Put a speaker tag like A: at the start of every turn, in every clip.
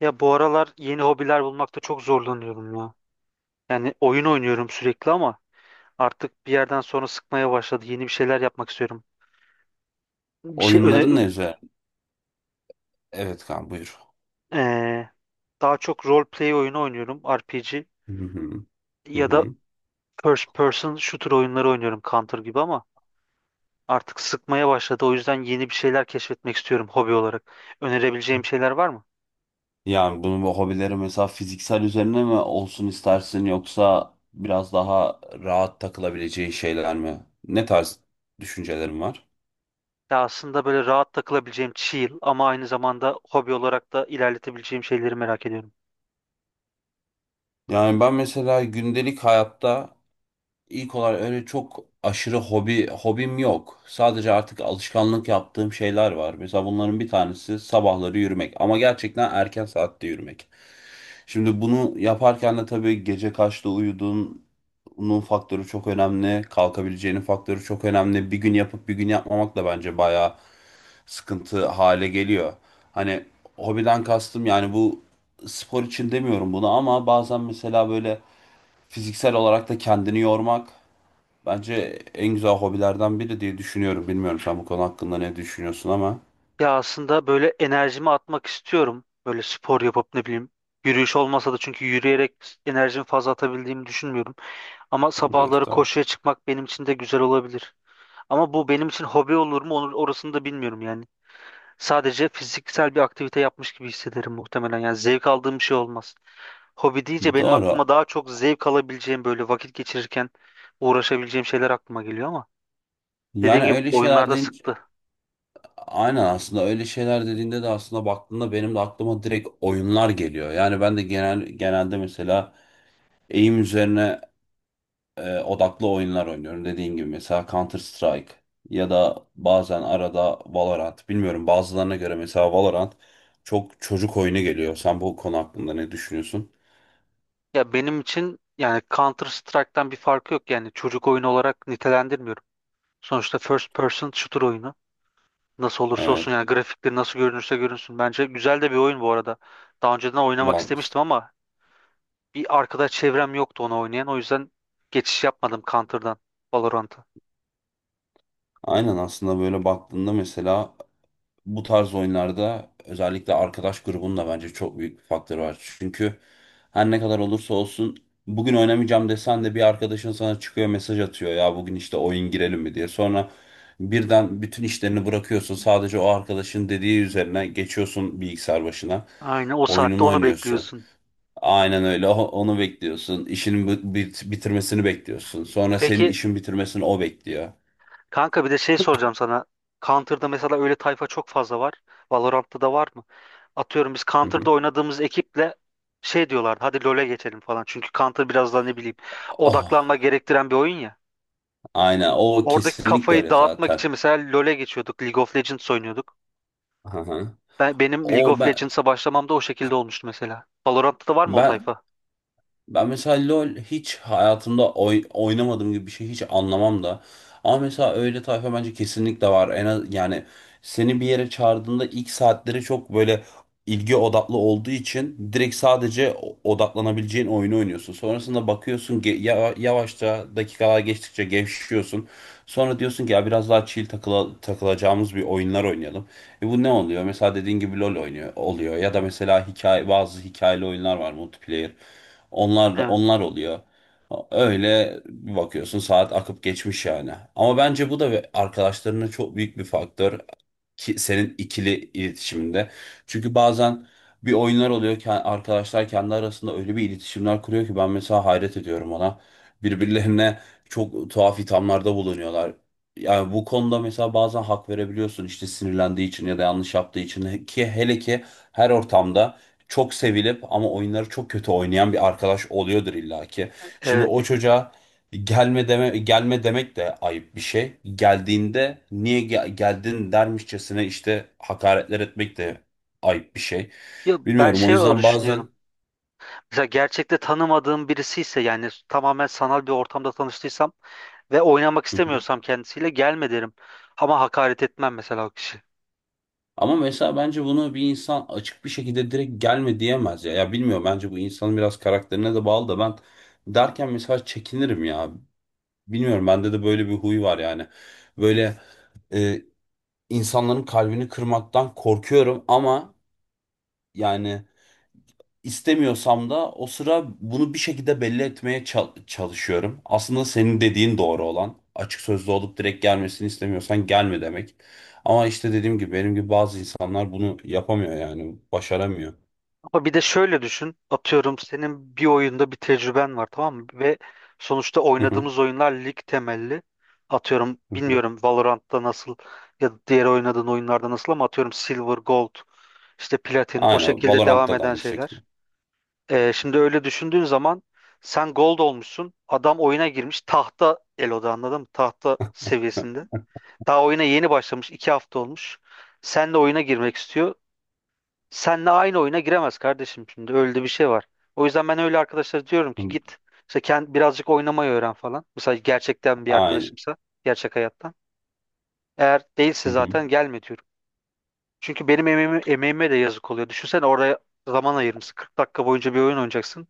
A: Ya bu aralar yeni hobiler bulmakta çok zorlanıyorum ya. Yani oyun oynuyorum sürekli ama artık bir yerden sonra sıkmaya başladı. Yeni bir şeyler yapmak istiyorum. Bir şey öne
B: Oyunların ne üzerine? Evet kan buyur.
A: eee, daha çok role play oyunu oynuyorum, RPG
B: Hı hı. Hı
A: ya da
B: hı.
A: first person shooter oyunları oynuyorum Counter gibi ama artık sıkmaya başladı. O yüzden yeni bir şeyler keşfetmek istiyorum hobi olarak. Önerebileceğim şeyler var mı?
B: Yani bu hobileri mesela fiziksel üzerine mi olsun istersin yoksa biraz daha rahat takılabileceği şeyler mi? Ne tarz düşüncelerin var?
A: Ya aslında böyle rahat takılabileceğim chill ama aynı zamanda hobi olarak da ilerletebileceğim şeyleri merak ediyorum.
B: Yani ben mesela gündelik hayatta İlk olarak öyle çok aşırı hobim yok. Sadece artık alışkanlık yaptığım şeyler var. Mesela bunların bir tanesi sabahları yürümek ama gerçekten erken saatte yürümek. Şimdi bunu yaparken de tabii gece kaçta uyuduğunun faktörü çok önemli. Kalkabileceğinin faktörü çok önemli. Bir gün yapıp bir gün yapmamak da bence bayağı sıkıntı hale geliyor. Hani hobiden kastım yani bu spor için demiyorum bunu ama bazen mesela böyle fiziksel olarak da kendini yormak bence en güzel hobilerden biri diye düşünüyorum. Bilmiyorum sen bu konu hakkında ne düşünüyorsun ama.
A: Ya aslında böyle enerjimi atmak istiyorum. Böyle spor yapıp ne bileyim yürüyüş olmasa da çünkü yürüyerek enerjimi fazla atabildiğimi düşünmüyorum. Ama
B: Evet,
A: sabahları
B: doğru.
A: koşuya çıkmak benim için de güzel olabilir. Ama bu benim için hobi olur mu orasını da bilmiyorum yani. Sadece fiziksel bir aktivite yapmış gibi hissederim muhtemelen. Yani zevk aldığım bir şey olmaz. Hobi deyince benim aklıma
B: Doğru.
A: daha çok zevk alabileceğim böyle vakit geçirirken uğraşabileceğim şeyler aklıma geliyor ama dediğim
B: Yani
A: gibi
B: öyle şeyler
A: oyunlarda
B: deyince,
A: sıktı.
B: aynen aslında öyle şeyler dediğinde de aslında baktığında benim de aklıma direkt oyunlar geliyor. Yani ben de genelde mesela eğim üzerine odaklı oyunlar oynuyorum dediğin gibi mesela Counter Strike ya da bazen arada Valorant. Bilmiyorum bazılarına göre mesela Valorant çok çocuk oyunu geliyor. Sen bu konu hakkında ne düşünüyorsun?
A: Ya benim için yani Counter Strike'tan bir farkı yok yani çocuk oyunu olarak nitelendirmiyorum. Sonuçta first person shooter oyunu. Nasıl olursa olsun
B: Evet,
A: yani grafikleri nasıl görünürse görünsün. Bence güzel de bir oyun bu arada. Daha önceden oynamak
B: ben
A: istemiştim ama bir arkadaş çevrem yoktu onu oynayan. O yüzden geçiş yapmadım Counter'dan Valorant'a.
B: aynen aslında böyle baktığında mesela bu tarz oyunlarda özellikle arkadaş grubunun da bence çok büyük bir faktörü var. Çünkü her ne kadar olursa olsun bugün oynamayacağım desen de bir arkadaşın sana çıkıyor mesaj atıyor ya bugün işte oyun girelim mi diye. Sonra birden bütün işlerini bırakıyorsun sadece o arkadaşın dediği üzerine geçiyorsun bilgisayar başına
A: Aynen o saatte
B: oyununu
A: onu
B: oynuyorsun.
A: bekliyorsun.
B: Aynen öyle. Onu bekliyorsun işinin bitirmesini bekliyorsun sonra senin
A: Peki
B: işin bitirmesini o bekliyor.
A: kanka bir de şey soracağım sana. Counter'da mesela öyle tayfa çok fazla var. Valorant'ta da var mı? Atıyorum biz
B: Hı hı.
A: Counter'da oynadığımız ekiple şey diyorlardı hadi LoL'e geçelim falan. Çünkü Counter biraz daha ne bileyim odaklanma
B: Oh.
A: gerektiren bir oyun ya.
B: Aynen, o
A: Oradaki
B: kesinlikle
A: kafayı
B: öyle
A: dağıtmak için
B: zaten.
A: mesela LoL'e geçiyorduk. League of Legends oynuyorduk.
B: Hı hı.
A: Benim League
B: O
A: of
B: ben
A: Legends'a başlamam da o şekilde olmuştu mesela. Valorant'ta da var mı o
B: ben
A: tayfa?
B: Ben mesela LoL hiç hayatımda oynamadığım gibi bir şey hiç anlamam da. Ama mesela öyle tayfa bence kesinlikle var. En az, yani seni bir yere çağırdığında ilk saatleri çok böyle ilgi odaklı olduğu için direkt sadece odaklanabileceğin oyunu oynuyorsun. Sonrasında bakıyorsun yavaşça dakikalar geçtikçe gevşiyorsun. Sonra diyorsun ki ya biraz daha chill takılacağımız bir oyunlar oynayalım. E bu ne oluyor? Mesela dediğin gibi LoL oynuyor oluyor ya da mesela hikaye bazı hikayeli oyunlar var multiplayer. Onlar
A: Evet.
B: onlar oluyor. Öyle bir bakıyorsun saat akıp geçmiş yani. Ama bence bu da arkadaşlarına çok büyük bir faktör ki, senin ikili iletişiminde. Çünkü bazen bir oyunlar oluyor ki arkadaşlar kendi arasında öyle bir iletişimler kuruyor ki ben mesela hayret ediyorum ona. Birbirlerine çok tuhaf ithamlarda bulunuyorlar. Yani bu konuda mesela bazen hak verebiliyorsun işte sinirlendiği için ya da yanlış yaptığı için ki hele ki her ortamda çok sevilip ama oyunları çok kötü oynayan bir arkadaş oluyordur illaki. Şimdi
A: Evet.
B: o çocuğa gelme deme, gelme demek de ayıp bir şey. Geldiğinde niye geldin dermişçesine işte hakaretler etmek de ayıp bir şey.
A: Ya ben
B: Bilmiyorum o
A: şey öyle
B: yüzden bazen.
A: düşünüyorum. Mesela gerçekte tanımadığım birisi ise yani tamamen sanal bir ortamda tanıştıysam ve oynamak
B: Hı hı.
A: istemiyorsam kendisiyle gelme derim. Ama hakaret etmem mesela o kişi.
B: Ama mesela bence bunu bir insan açık bir şekilde direkt gelme diyemez ya. Ya bilmiyorum bence bu insanın biraz karakterine de bağlı da ben derken mesela çekinirim ya. Bilmiyorum bende de böyle bir huy var yani. Böyle e, insanların kalbini kırmaktan korkuyorum ama yani istemiyorsam da o sıra bunu bir şekilde belli etmeye çalışıyorum. Aslında senin dediğin doğru olan. Açık sözlü olup direkt gelmesini istemiyorsan gelme demek. Ama işte dediğim gibi benim gibi bazı insanlar bunu yapamıyor yani başaramıyor.
A: Ama bir de şöyle düşün. Atıyorum senin bir oyunda bir tecrüben var tamam mı? Ve sonuçta
B: Hı hı,
A: oynadığımız oyunlar lig temelli. Atıyorum
B: hı hı.
A: bilmiyorum Valorant'ta nasıl ya da diğer oynadığın oyunlarda nasıl ama atıyorum Silver, Gold, işte Platin o
B: Aynen,
A: şekilde devam
B: Valorant'ta da
A: eden
B: aynı şekilde.
A: şeyler. Şimdi öyle düşündüğün zaman sen Gold olmuşsun. Adam oyuna girmiş tahta Elo'da anladın mı? Tahta seviyesinde. Daha oyuna yeni başlamış. 2 hafta olmuş. Sen de oyuna girmek istiyor. Senle aynı oyuna giremez kardeşim şimdi öyle de bir şey var. O yüzden ben öyle arkadaşlara diyorum ki git işte birazcık oynamayı öğren falan. Mesela gerçekten bir
B: Aynen.
A: arkadaşımsa gerçek hayattan. Eğer değilse
B: Hı hı.
A: zaten gelme diyorum. Çünkü benim emeğime de yazık oluyor. Düşünsene oraya zaman ayırmışsın. 40 dakika boyunca bir oyun oynayacaksın.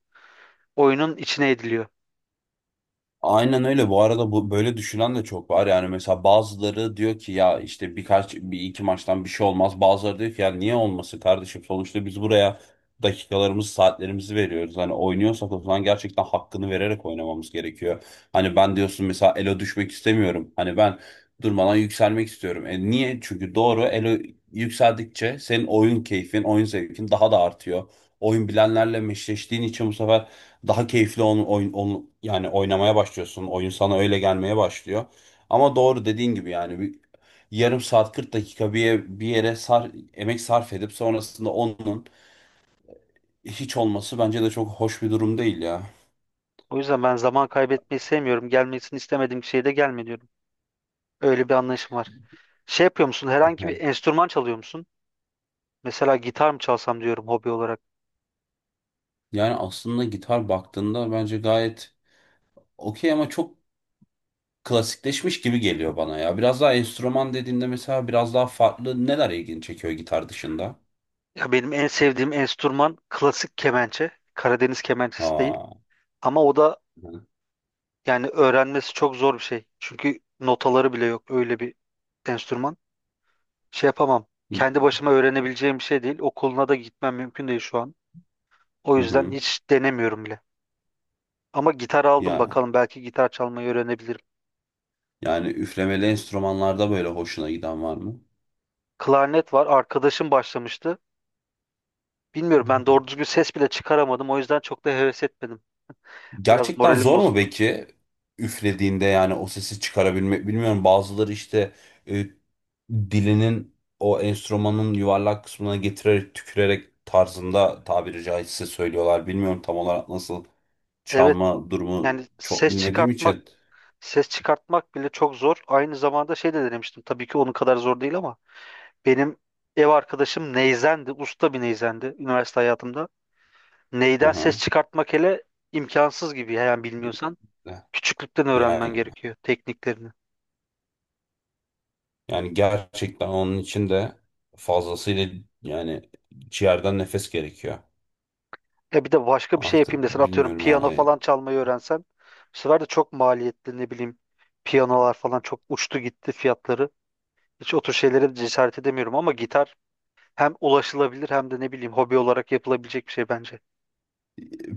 A: Oyunun içine ediliyor.
B: Aynen öyle. Bu arada bu böyle düşünen de çok var. Yani mesela bazıları diyor ki ya işte birkaç bir iki maçtan bir şey olmaz. Bazıları diyor ki ya niye olmasın kardeşim? Sonuçta biz buraya dakikalarımızı, saatlerimizi veriyoruz. Hani oynuyorsak o zaman gerçekten hakkını vererek oynamamız gerekiyor. Hani ben diyorsun mesela elo düşmek istemiyorum. Hani ben durmadan yükselmek istiyorum. E niye? Çünkü doğru elo yükseldikçe senin oyun keyfin, oyun zevkin daha da artıyor. Oyun bilenlerle meşleştiğin için bu sefer daha keyifli onu yani oynamaya başlıyorsun. Oyun sana öyle gelmeye başlıyor. Ama doğru dediğin gibi yani bir yarım saat 40 dakika bir yere sar, emek sarf edip sonrasında onun hiç olması bence de çok hoş bir durum değil ya.
A: O yüzden ben zaman kaybetmeyi sevmiyorum. Gelmesini istemediğim şeye de gelme diyorum. Öyle bir anlayışım var. Şey yapıyor musun? Herhangi bir
B: Yani
A: enstrüman çalıyor musun? Mesela gitar mı çalsam diyorum hobi olarak.
B: yani aslında gitar baktığında bence gayet okey ama çok klasikleşmiş gibi geliyor bana ya. Biraz daha enstrüman dediğinde mesela biraz daha farklı neler ilgini çekiyor gitar dışında?
A: Ya benim en sevdiğim enstrüman klasik kemençe. Karadeniz kemençesi değil.
B: Aa.
A: Ama o da yani öğrenmesi çok zor bir şey. Çünkü notaları bile yok öyle bir enstrüman. Şey yapamam. Kendi başıma öğrenebileceğim bir şey değil. Okuluna da gitmem mümkün değil şu an. O
B: Hı
A: yüzden
B: hı.
A: hiç denemiyorum bile. Ama gitar aldım
B: Ya
A: bakalım belki gitar çalmayı öğrenebilirim.
B: Yani üflemeli enstrümanlarda böyle hoşuna giden var mı?
A: Klarnet var. Arkadaşım başlamıştı.
B: Hı
A: Bilmiyorum ben
B: hı.
A: doğru düzgün ses bile çıkaramadım. O yüzden çok da heves etmedim. Biraz
B: Gerçekten
A: moralim
B: zor mu
A: bozuldu.
B: peki üflediğinde yani o sesi çıkarabilmek bilmiyorum bazıları işte e, dilinin o enstrümanın yuvarlak kısmına getirerek tükürerek tarzında tabiri caizse söylüyorlar bilmiyorum tam olarak nasıl
A: Evet,
B: çalma durumu
A: yani
B: çok
A: ses
B: bilmediğim
A: çıkartmak
B: için.
A: Ses çıkartmak bile çok zor. Aynı zamanda şey de denemiştim. Tabii ki onun kadar zor değil ama benim ev arkadaşım neyzendi. Usta bir neyzendi üniversite hayatımda. Neyden ses
B: Aha.
A: çıkartmak hele imkansız gibi. Yani bilmiyorsan küçüklükten öğrenmen
B: yani
A: gerekiyor tekniklerini.
B: yani gerçekten onun için de fazlasıyla yani ciğerden nefes gerekiyor.
A: Ya bir de başka bir şey yapayım
B: Artık
A: desen atıyorum
B: bilmiyorum
A: piyano
B: yani.
A: falan çalmayı öğrensen bu sefer de çok maliyetli ne bileyim piyanolar falan çok uçtu gitti fiyatları. Hiç o tür şeylere de cesaret edemiyorum ama gitar hem ulaşılabilir hem de ne bileyim hobi olarak yapılabilecek bir şey bence.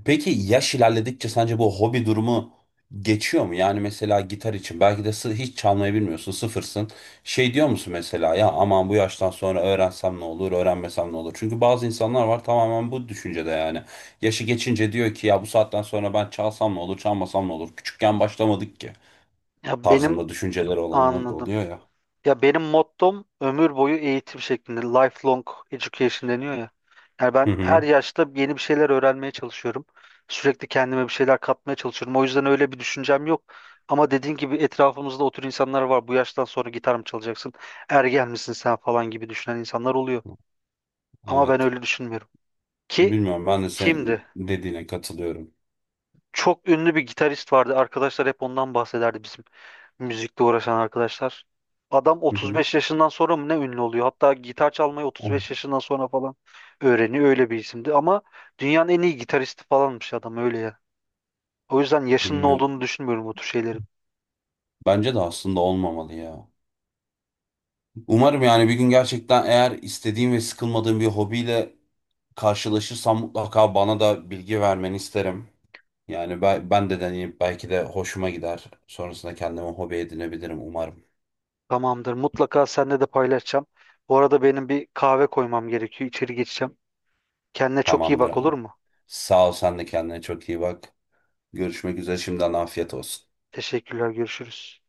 B: Peki yaş ilerledikçe sence bu hobi durumu geçiyor mu? Yani mesela gitar için belki de hiç çalmayı bilmiyorsun, sıfırsın. Şey diyor musun mesela ya aman bu yaştan sonra öğrensem ne olur, öğrenmesem ne olur? Çünkü bazı insanlar var tamamen bu düşüncede yani. Yaşı geçince diyor ki ya bu saatten sonra ben çalsam ne olur, çalmasam ne olur? Küçükken başlamadık ki
A: Ya benim
B: tarzında düşünceleri olanlar da
A: Anladım.
B: oluyor ya.
A: Ya benim mottom ömür boyu eğitim şeklinde. Lifelong education deniyor ya. Yani
B: Hı
A: ben her
B: hı.
A: yaşta yeni bir şeyler öğrenmeye çalışıyorum. Sürekli kendime bir şeyler katmaya çalışıyorum. O yüzden öyle bir düşüncem yok. Ama dediğin gibi etrafımızda o tür insanlar var. Bu yaştan sonra gitar mı çalacaksın? Ergen misin sen falan gibi düşünen insanlar oluyor. Ama ben
B: Evet.
A: öyle düşünmüyorum. Ki
B: Bilmiyorum ben de
A: kimdi?
B: senin dediğine katılıyorum.
A: Çok ünlü bir gitarist vardı. Arkadaşlar hep ondan bahsederdi bizim. Müzikle uğraşan arkadaşlar. Adam
B: Hı hı.
A: 35 yaşından sonra mı ne ünlü oluyor? Hatta gitar çalmayı 35
B: O-
A: yaşından sonra falan öğreniyor. Öyle bir isimdi. Ama dünyanın en iyi gitaristi falanmış adam öyle ya. O yüzden yaşının
B: Bilmiyorum.
A: olduğunu düşünmüyorum bu tür şeylerin.
B: Bence de aslında olmamalı ya. Umarım yani bir gün gerçekten eğer istediğim ve sıkılmadığım bir hobiyle karşılaşırsam mutlaka bana da bilgi vermeni isterim. Yani ben de deneyip belki de hoşuma gider. Sonrasında kendime hobi edinebilirim umarım.
A: Tamamdır. Mutlaka seninle de paylaşacağım. Bu arada benim bir kahve koymam gerekiyor. İçeri geçeceğim. Kendine çok iyi
B: Tamamdır
A: bak
B: abi.
A: olur mu?
B: Sağ ol sen de kendine çok iyi bak. Görüşmek üzere şimdiden afiyet olsun.
A: Teşekkürler. Görüşürüz.